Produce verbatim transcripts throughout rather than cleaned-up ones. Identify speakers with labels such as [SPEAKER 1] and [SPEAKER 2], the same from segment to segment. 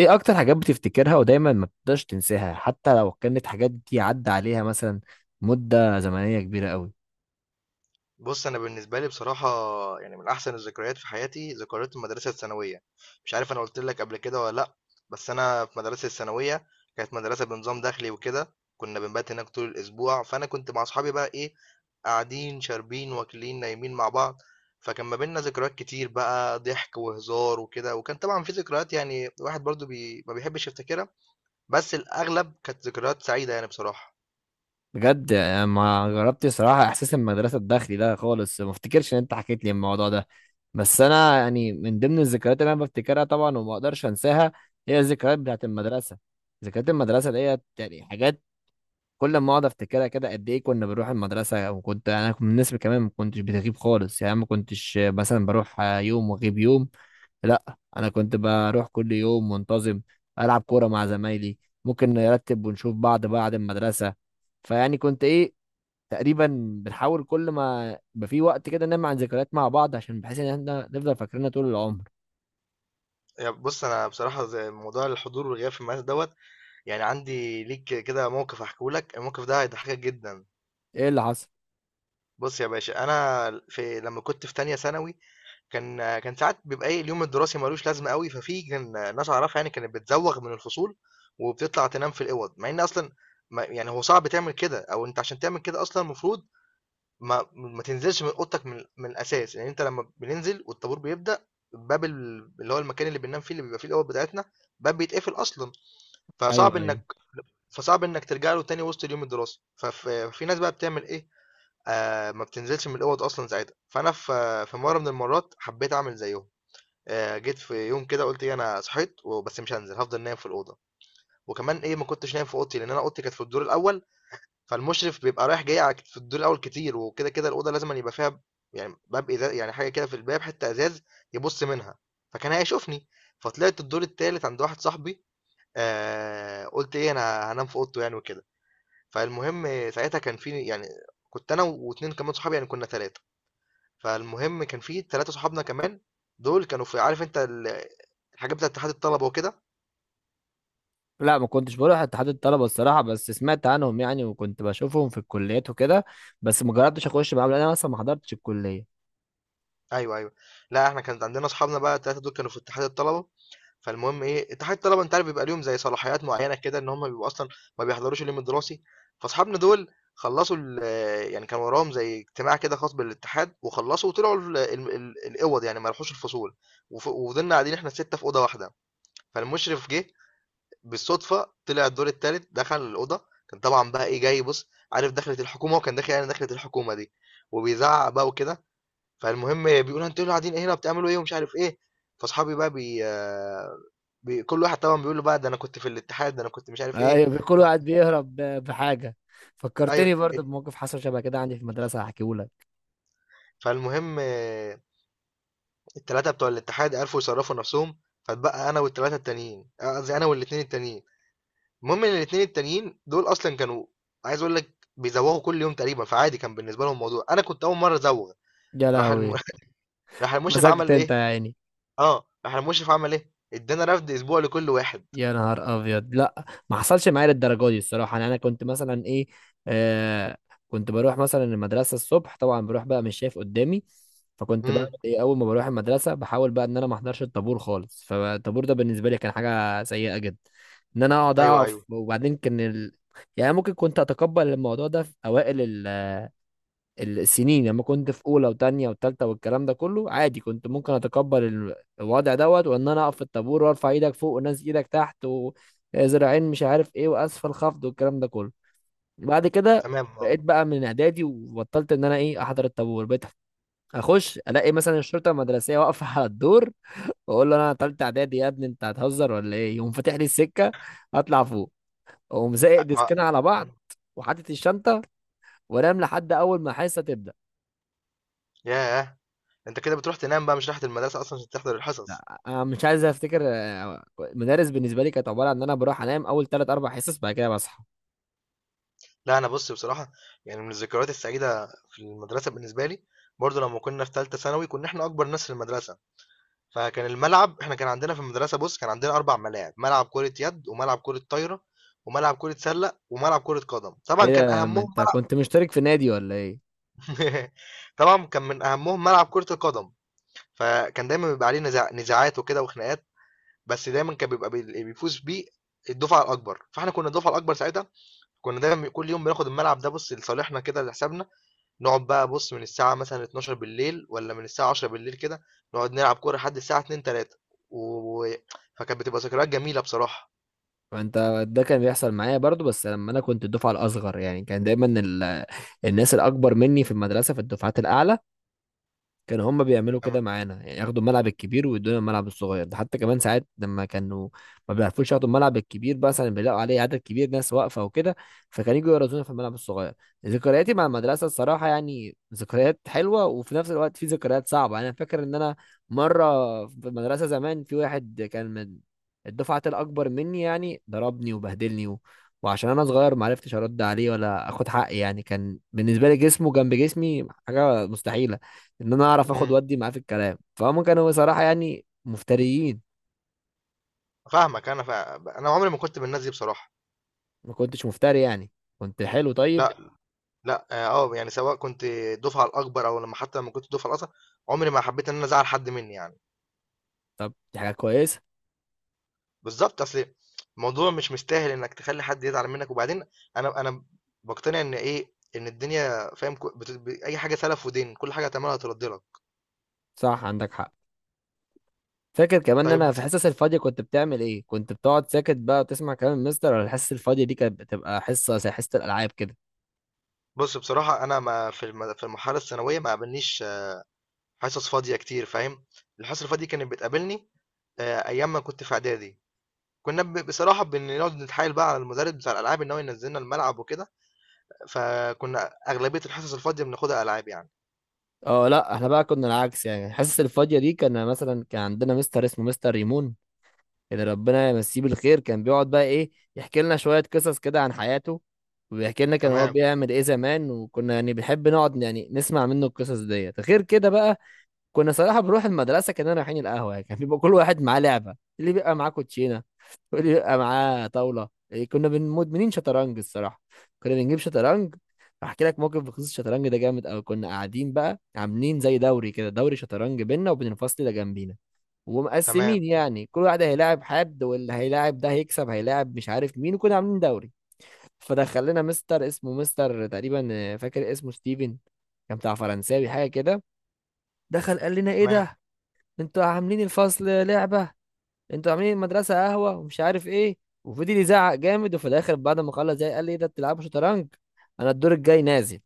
[SPEAKER 1] ايه اكتر حاجات بتفتكرها ودايما ما بتقدرش تنساها حتى لو كانت حاجات دي عدى عليها مثلا مدة زمنية كبيرة قوي.
[SPEAKER 2] بُص، أنا بالنسبة لي بصراحة يعني من أحسن الذكريات في حياتي ذكريات المدرسة الثانوية، مش عارف أنا قُلت لك قبل كده والّا لأ، بس أنا في مدرستي الثانوية كانت مدرسة بنظام داخلي وكده، كنا بنبات هناك طول الأسبوع، فأنا كنت مع أصحابي بقى إيه، قاعدين، شاربين، واكلين، نايمين مع بعض، فكان ما بيننا ذكريات كتير بقى ضحك وهزار وكده، وكان طبعًا في ذكريات يعني الواحد برضه بي ما بيحبش يفتكرها، بس الأغلب كانت ذكريات سعيدة يعني بصراحة.
[SPEAKER 1] بجد يعني ما جربت صراحة احساس المدرسة الداخلي ده خالص، ما افتكرش ان انت حكيت لي الموضوع ده. بس انا يعني من ضمن الذكريات اللي انا بفتكرها طبعا وما اقدرش انساها هي الذكريات بتاعت المدرسة. ذكريات المدرسة ديت يعني حاجات كل ما اقعد افتكرها كده قد ايه. كنا بنروح المدرسه، وكنت انا كنت من الناس اللي كمان ما كنتش بتغيب خالص، يعني ما كنتش مثلا بروح يوم واغيب يوم. لا، انا كنت بروح كل يوم منتظم، العب كوره مع زمايلي، ممكن نرتب ونشوف بعض بعد المدرسه. فيعني كنت ايه تقريبا، بنحاول كل ما يبقى في وقت كده نعمل عن ذكريات مع بعض عشان بحيث ان احنا نفضل فاكرينها طول العمر.
[SPEAKER 2] يا بص انا بصراحه زي موضوع الحضور والغياب في المدرسه دوت، يعني عندي ليك كده موقف احكيه لك، الموقف ده هيضحكك جدا.
[SPEAKER 1] ايه اللي حصل؟
[SPEAKER 2] بص يا باشا انا في لما كنت في تانية ثانوي كان كان ساعات بيبقى ايه، اليوم الدراسي ملوش لازمه قوي، ففي كان ناس اعرفها يعني كانت بتزوغ من الفصول وبتطلع تنام في الاوض، مع ان اصلا ما يعني هو صعب تعمل كده، او انت عشان تعمل كده اصلا المفروض ما ما تنزلش من اوضتك من, من الاساس، يعني انت لما بننزل والطابور بيبدا، باب ال- اللي هو المكان اللي بننام فيه اللي بيبقى فيه الاوض بتاعتنا، باب بيتقفل اصلا،
[SPEAKER 1] ايوه
[SPEAKER 2] فصعب
[SPEAKER 1] ايوه.
[SPEAKER 2] إنك فصعب إنك ترجع له تاني وسط اليوم الدراسي فف- ففي ناس بقى بتعمل إيه، آه ما بتنزلش من الأوض أصلا ساعتها. فأنا في في مرة من المرات حبيت أعمل زيهم. آه، جيت في يوم كده قلت إيه، أنا صحيت وبس مش هنزل، هفضل نايم في الأوضة. وكمان إيه، ما كنتش نايم في أوضتي لأن أنا أوضتي كانت في الدور الأول، فالمشرف بيبقى رايح جاي على- في الدور الأول كتير، وكده كده الأوضة لازم يبقى فيها يعني باب إزاز، يعني حاجة كده في الباب حتة إزاز يبص منها، فكان هيشوفني. فطلعت الدور التالت عند واحد صاحبي، آه، قلت إيه، أنا هنام في أوضته يعني وكده. فالمهم ساعتها كان في يعني كنت أنا و2 كمان صحابي، يعني كنا تلاتة. فالمهم كان في تلاتة صحابنا كمان، دول كانوا في عارف أنت ال الحاجات بتاعة اتحاد الطلبة وكده.
[SPEAKER 1] لا ما كنتش بروح اتحاد الطلبه الصراحه، بس سمعت عنهم يعني وكنت بشوفهم في الكليات وكده، بس ما جربتش اخش معاهم لان انا اصلا ما حضرتش الكليه.
[SPEAKER 2] أيوه، أيوه. لأ إحنا كانت عندنا صحابنا بقى التلاتة دول كانوا في اتحاد الطلبة، فالمهم إيه، اتحاد الطلبة أنت عارف بيبقى ليهم زي صلاحيات معينة كده إن هم بيبقوا أصلًا ما بيحضروش اليوم الدراسي، فاصحابنا دول خلّصوا ال يعني كان وراهم زي اجتماع كده خاص بالاتحاد، وخلّصوا وطلعوا ال ال ال الأوَض يعني ما راحوش الفصول، وف وفضلنا قاعدين إحنا الستة في أوضة واحدة، فالمشرف جه بالصدفة طلع الدور التالت دخل الأوضة، كان طبعًا بقى إيه جاي بُص عارف دخلة الحكومة، وكان داخل يعني دخلة الحكومة دي، وبيزعّق بقى وكده، فالمهم بيقول له: "أنتم إيه اللي قاعدين ايه هنا وبتعملوا إيه؟" ومش عارف إيه، فاصحابي بقى بي آه، بي كل واحد طبعًا بيقول له بقى: "ده أنا كنت في الاتحاد، ده أنا كنت مش عارف إيه."
[SPEAKER 1] ايوه كل
[SPEAKER 2] ف
[SPEAKER 1] واحد بيهرب ب- بحاجه.
[SPEAKER 2] أيوه،
[SPEAKER 1] فكرتني برضه بموقف حصل شبه كده عندي في المدرسه هحكيهولك.
[SPEAKER 2] فالمهم التلاتة بتوع الاتحاد عرفوا يصرّفوا نفسهم، فاتبقى أنا والتلاتة التانيين، أ قصدي أنا والاتنين التانيين. المهم ان الاتنين التانيين دول اصلا كانوا، عايز اقول لك، بيزوغوا كل يوم تقريبا، فعادي كان بالنسبه لهم الموضوع، انا كنت اول مره ازوغ.
[SPEAKER 1] يا
[SPEAKER 2] راح الم...
[SPEAKER 1] لهوي!
[SPEAKER 2] راح المشرف
[SPEAKER 1] مسكت
[SPEAKER 2] عمل
[SPEAKER 1] انت
[SPEAKER 2] ايه،
[SPEAKER 1] يا عيني.
[SPEAKER 2] اه راح المشرف عمل ايه، ادانا رفد اسبوع لكل واحد.
[SPEAKER 1] يا نهار ابيض! لا ما حصلش معايا للدرجه دي الصراحه، يعني انا كنت مثلا ايه آه كنت بروح مثلا المدرسه الصبح، طبعا بروح بقى مش شايف قدامي، فكنت بقى
[SPEAKER 2] امم
[SPEAKER 1] ايه اول ما بروح المدرسه بحاول بقى ان انا ما احضرش الطابور خالص. فالطابور ده بالنسبه لي كان حاجه سيئه جدا ان انا اقعد
[SPEAKER 2] ايوه،
[SPEAKER 1] اقف،
[SPEAKER 2] ايوه.
[SPEAKER 1] وبعدين كان ال... يعني ممكن كنت اتقبل الموضوع ده في اوائل السنين لما كنت في اولى وتانية وتالتة والكلام ده كله عادي، كنت ممكن اتقبل ال- الوضع دوت وان انا اقف في الطابور وارفع ايدك فوق وناس ايدك تحت وذراعين مش عارف ايه واسفل خفض والكلام ده كله. بعد كده
[SPEAKER 2] تمام، اه.
[SPEAKER 1] بقيت بقى من اعدادي وبطلت ان انا ايه احضر الطابور. بقيت اخش الاقي مثلا الشرطه المدرسيه واقفه على الدور، واقول له انا تالتة اعدادي يا ابني انت هتهزر ولا ايه، يقوم فاتح لي السكه، اطلع فوق، اقوم زائق
[SPEAKER 2] ما...
[SPEAKER 1] ديسكنا على بعض وحاطط الشنطه وانام لحد اول ما حصه تبدا.
[SPEAKER 2] ياه، انت كده بتروح تنام بقى مش رايح المدرسه اصلا عشان تحضر الحصص.
[SPEAKER 1] أنا مش عايز افتكر آه، مدارس بالنسبه لي كانت عباره عن ان انا بروح انام اول ثلاث اربع حصص بعد كده بصحى.
[SPEAKER 2] لا انا بص بصراحه يعني من الذكريات السعيده في المدرسه بالنسبه لي، برضو لما كنا في ثالثه ثانوي كنا احنا اكبر ناس في المدرسه، فكان الملعب احنا كان عندنا في المدرسة، بص كان عندنا أربع ملاعب: ملعب كرة يد، وملعب كرة طايرة، وملعب كرة سلة، وملعب كرة قدم.
[SPEAKER 1] ايه
[SPEAKER 2] طبعا كان
[SPEAKER 1] ده، ما
[SPEAKER 2] أهمهم
[SPEAKER 1] انت
[SPEAKER 2] ملعب
[SPEAKER 1] كنت مشترك في نادي ولا ايه؟
[SPEAKER 2] طبعا كان من أهمهم ملعب كرة القدم، فكان دايما بيبقى عليه نزاع... نزاعات وكده وخناقات، بس دايما كان بيبقى بي- اللي بيفوز بيه الدفعة الأكبر، فاحنا كنا الدفعة الأكبر ساعتها، كنا دايما كل يوم بناخد الملعب ده بص لصالحنا كده لحسابنا، نقعد بقى بُص من الساعة مثلًا اتناشر والّا من الساعة عشرة كده، نقعد نلعب كورة لحد الساعة اتنين، تلاتة. و فكانت بتبقى ذكريات جميلة بصراحة.
[SPEAKER 1] ما انت ده كان بيحصل معايا برضو، بس لما انا كنت الدفعه الاصغر يعني كان دايما ال... الناس الاكبر مني في المدرسه في الدفعات الاعلى كان هم بيعملوا كده
[SPEAKER 2] تمام.
[SPEAKER 1] معانا، يعني ياخدوا الملعب الكبير ويدونا الملعب الصغير ده. حتى كمان ساعات لما كانوا ما بيعرفوش ياخدوا الملعب الكبير مثلا بيلاقوا عليه عدد كبير ناس واقفه وكده، فكانوا يجوا يرزونا في الملعب الصغير. ذكرياتي مع المدرسه الصراحه يعني ذكريات حلوه، وفي نفس الوقت في ذكريات صعبه. يعني انا فاكر ان انا مره في المدرسه زمان في واحد كان من الدفعه الاكبر مني يعني ضربني وبهدلني و... وعشان انا صغير ما عرفتش ارد عليه ولا اخد حقي، يعني كان بالنسبه لي جسمه جنب جسمي حاجه مستحيله ان انا اعرف اخد
[SPEAKER 2] إمم.
[SPEAKER 1] ودي معاه في الكلام. فهم كانوا بصراحه يعني مفتريين.
[SPEAKER 2] فاهمك أنا ف أنا عمري ما كنت من الناس دي بصراحة.
[SPEAKER 1] ما كنتش مفتري يعني، كنت حلو طيب.
[SPEAKER 2] لأ، لأ، آه، آه، يعني سواء كنت الدفعة الأكبر أو لمّا حتى لمّا كنت الدفعة الأصغر، عمري ما حبيت إن أنا أزعّل حد منّي يعني.
[SPEAKER 1] طب دي حاجه كويسه.
[SPEAKER 2] بالضبط، أصل الموضوع مش مستاهل إنّك تخلّي حد يزعل منّك، وبعدين أنا أنا باقتنع إن إيه، إن الدنيا فاهم ك بت ب أي حاجة سَلَف ودِين، كل حاجة هتعملها هترَد لك.
[SPEAKER 1] صح عندك حق. فاكر كمان ان
[SPEAKER 2] طيب،
[SPEAKER 1] انا في الحصص الفاضيه كنت بتعمل ايه، كنت بتقعد ساكت بقى وتسمع كلام المستر، ولا الحصص الفاضيه دي كانت بتبقى حصه زي حصه الالعاب كده؟
[SPEAKER 2] بُص، بصراحة أنا ما في الم في المرحلة الثانوية ما قابلنيش آه، حصص فاضية كتير فاهم، الحصص الفاضية كانت بتقابلني آآ أيام ما كنت في إعدادي، كنا ب بصراحة بنقعد نتحايل بقى على المدرس بتاع الألعاب إن هو ينزلنا الملعب وكده، فكنا أغلبية الحصص الفاضية بناخدها ألعاب يعني.
[SPEAKER 1] اه لا، احنا بقى كنا العكس. يعني الحصص الفاضيه دي كان مثلا كان عندنا مستر اسمه مستر ريمون، اللي ربنا يمسيه بالخير، كان بيقعد بقى ايه يحكي لنا شوية قصص كده عن حياته، وبيحكي لنا كان هو
[SPEAKER 2] تمام،
[SPEAKER 1] بيعمل ايه زمان، وكنا يعني بنحب نقعد يعني نسمع منه القصص ديت. غير كده بقى كنا صراحة بنروح المدرسة كأننا رايحين القهوة، يعني كان بيبقى كل واحد معاه لعبة، اللي بيبقى معاه كوتشينة واللي بيبقى معاه طاولة، إيه، كنا بن- مدمنين شطرنج الصراحة. كنا بنجيب شطرنج. هحكي لك موقف بخصوص الشطرنج ده جامد أوي. كنا قاعدين بقى عاملين زي دوري كده، دوري شطرنج بينا وبين الفصل اللي جنبينا،
[SPEAKER 2] تمام،
[SPEAKER 1] ومقسمين يعني كل واحد هيلاعب حد، واللي هيلاعب ده هيكسب هيلاعب مش عارف مين، وكنا عاملين دوري. فدخل لنا مستر اسمه مستر تقريبا آه، فاكر اسمه ستيفن، كان بتاع فرنساوي حاجه كده. دخل قال لنا ايه
[SPEAKER 2] تمام.
[SPEAKER 1] ده، انتوا عاملين الفصل لعبه، انتوا عاملين المدرسه قهوه ومش عارف ايه، وفضل يزعق جامد. وفي الاخر بعد ما خلص زي، قال لي ايه ده بتلعبوا شطرنج، انا الدور الجاي نازل.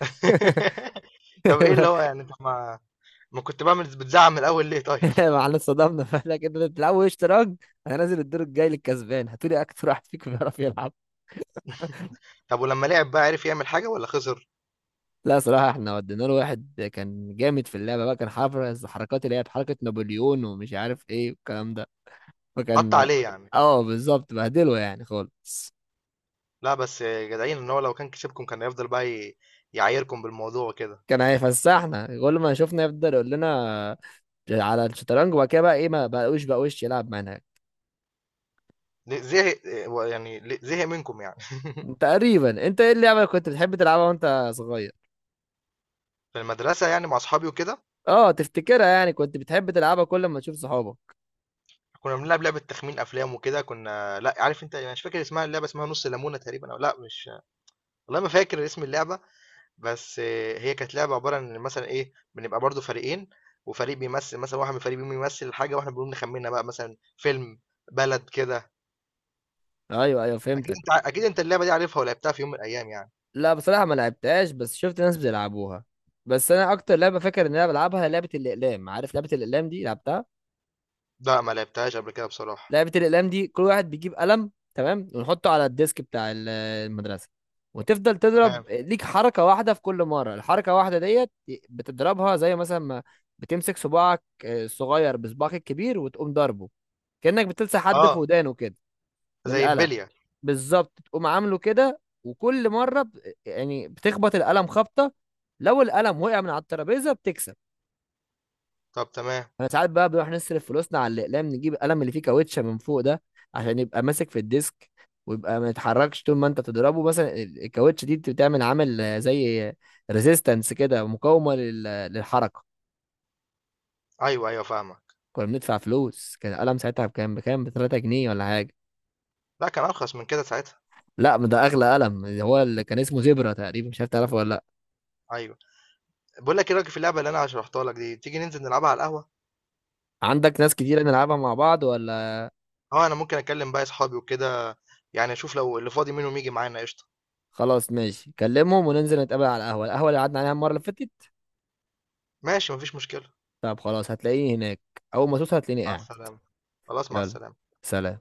[SPEAKER 2] طب إيه اللي هو يعني، طب ما ما كنت باعمل بتزعق من الأول ليه طيب؟
[SPEAKER 1] احنا اتصدمنا، فقال لك انتوا بتلعبوا ايه شطرنج، انا نازل الدور الجاي للكسبان هاتولي اكتر واحد فيكم بيعرف يلعب.
[SPEAKER 2] طب ولمّا لعب بقى عرف يعمل حاجة والّا خسر؟
[SPEAKER 1] لا صراحة احنا ودينا له واحد كان جامد في اللعبة بقى، كان حافظ حركات اللي هي حركة نابليون ومش عارف ايه والكلام ده،
[SPEAKER 2] حَط
[SPEAKER 1] فكان.
[SPEAKER 2] عليه يعني.
[SPEAKER 1] اه بالظبط بهدله يعني خالص.
[SPEAKER 2] لا بس جدعين، ان هو لو كان كسبكم كان هيفضل بقى ي- يعايركم بالموضوع وكده.
[SPEAKER 1] كان هيفسحنا، كل ما شفنا يفضل يقول لنا على الشطرنج. وبعد كده بقى ايه ما بقوش بقوش يلعب معانا.
[SPEAKER 2] ليه- زهق يعني، ليه- زهق منكم يعني.
[SPEAKER 1] تقريبا. انت ايه اللعبة اللي كنت بتحب تلعبها وانت صغير؟
[SPEAKER 2] في المدرسه يعني مع اصحابي وكده
[SPEAKER 1] اه تفتكرها، يعني كنت بتحب تلعبها كل ما تشوف صحابك.
[SPEAKER 2] كنا بنلعب لعبه تخمين افلام وكده، كنا لا عارف انت، انا مش فاكر اسمها اللعبه، اسمها نص ليمونه تقريبا، او لا مش، والله ما فاكر اسم اللعبه. بس آه، هي كانت لعبه عباره عن مثلا ايه، بنبقى برضو فريقين، وفريق بيمثل مثلا، واحد من الفريقين بيمثل الحاجه واحنا بنقوم نخمنها بقى، مثلا فيلم، بلد كده.
[SPEAKER 1] ايوه ايوه
[SPEAKER 2] اكيد
[SPEAKER 1] فهمتك.
[SPEAKER 2] انت اكيد انت اللعبه دي عارفها ولعبتها في يوم من الايام يعني.
[SPEAKER 1] لا بصراحة ما لعبتهاش، بس شفت ناس بيلعبوها. بس انا اكتر لعبة فاكر ان انا بلعبها هي لعبة الاقلام. عارف لعبة الاقلام دي، لعبتها؟
[SPEAKER 2] لا ما لعبتهاش قبل كده بصراحه.
[SPEAKER 1] لعبة الاقلام دي كل واحد بيجيب قلم، تمام، ونحطه على الديسك بتاع ال- المدرسة، وتفضل تضرب
[SPEAKER 2] تمام.
[SPEAKER 1] ليك حركة واحدة في كل مرة. الحركة واحدة ديت بتضربها زي مثلا ما بتمسك صباعك آه، الصغير بصباعك الكبير وتقوم ضربه، كأنك بتلسع حد في
[SPEAKER 2] آه،
[SPEAKER 1] ودانه كده من
[SPEAKER 2] زي
[SPEAKER 1] القلم.
[SPEAKER 2] البلية.
[SPEAKER 1] بالظبط تقوم عامله كده، وكل مرة ب... يعني بتخبط القلم خبطة. لو القلم وقع من على الترابيزة بتكسب.
[SPEAKER 2] طب تمام.
[SPEAKER 1] انا ساعات بقى بنروح نصرف فلوسنا على الأقلام، نجيب القلم اللي فيه كاوتشة من فوق ده عشان يبقى ماسك في الديسك، ويبقى ما يتحركش طول ما انت تضربه. مثلا ال- الكاوتشة دي بتعمل عامل آه، زي ريزيستنس كده، مقاومة لل... للحركة.
[SPEAKER 2] أيوه، أيوه فاهمك.
[SPEAKER 1] كنا بندفع فلوس، كان القلم ساعتها بكام بكام ب ثلاثة جنيه ولا حاجة.
[SPEAKER 2] لأ كان أرخص من كده ساعتها.
[SPEAKER 1] لا ما ده اغلى قلم، هو اللي كان اسمه زبرة تقريبا، مش عارف تعرفه ولا لا.
[SPEAKER 2] أيوه. باقول لك إيه رأيك في اللعبة اللي أنا شرحتها لك دي، تيجي ننزل نلعبها على القهوة؟
[SPEAKER 1] عندك ناس كتير نلعبها مع بعض ولا؟
[SPEAKER 2] آه، أنا ممكن أكلم باقي أصحابي وكده، يعني أشوف لو اللي فاضي منهم ييجي معانا قشطة.
[SPEAKER 1] خلاص ماشي، كلمهم وننزل نتقابل على القهوة، القهوة اللي قعدنا عليها المرة اللي فاتت.
[SPEAKER 2] ماشي، ما فيش مشكلة.
[SPEAKER 1] طب خلاص هتلاقيني هناك، أول ما توصل هتلاقيني
[SPEAKER 2] مع
[SPEAKER 1] قاعد.
[SPEAKER 2] السلامة. خلاص مع
[SPEAKER 1] يلا،
[SPEAKER 2] السلامة.
[SPEAKER 1] سلام.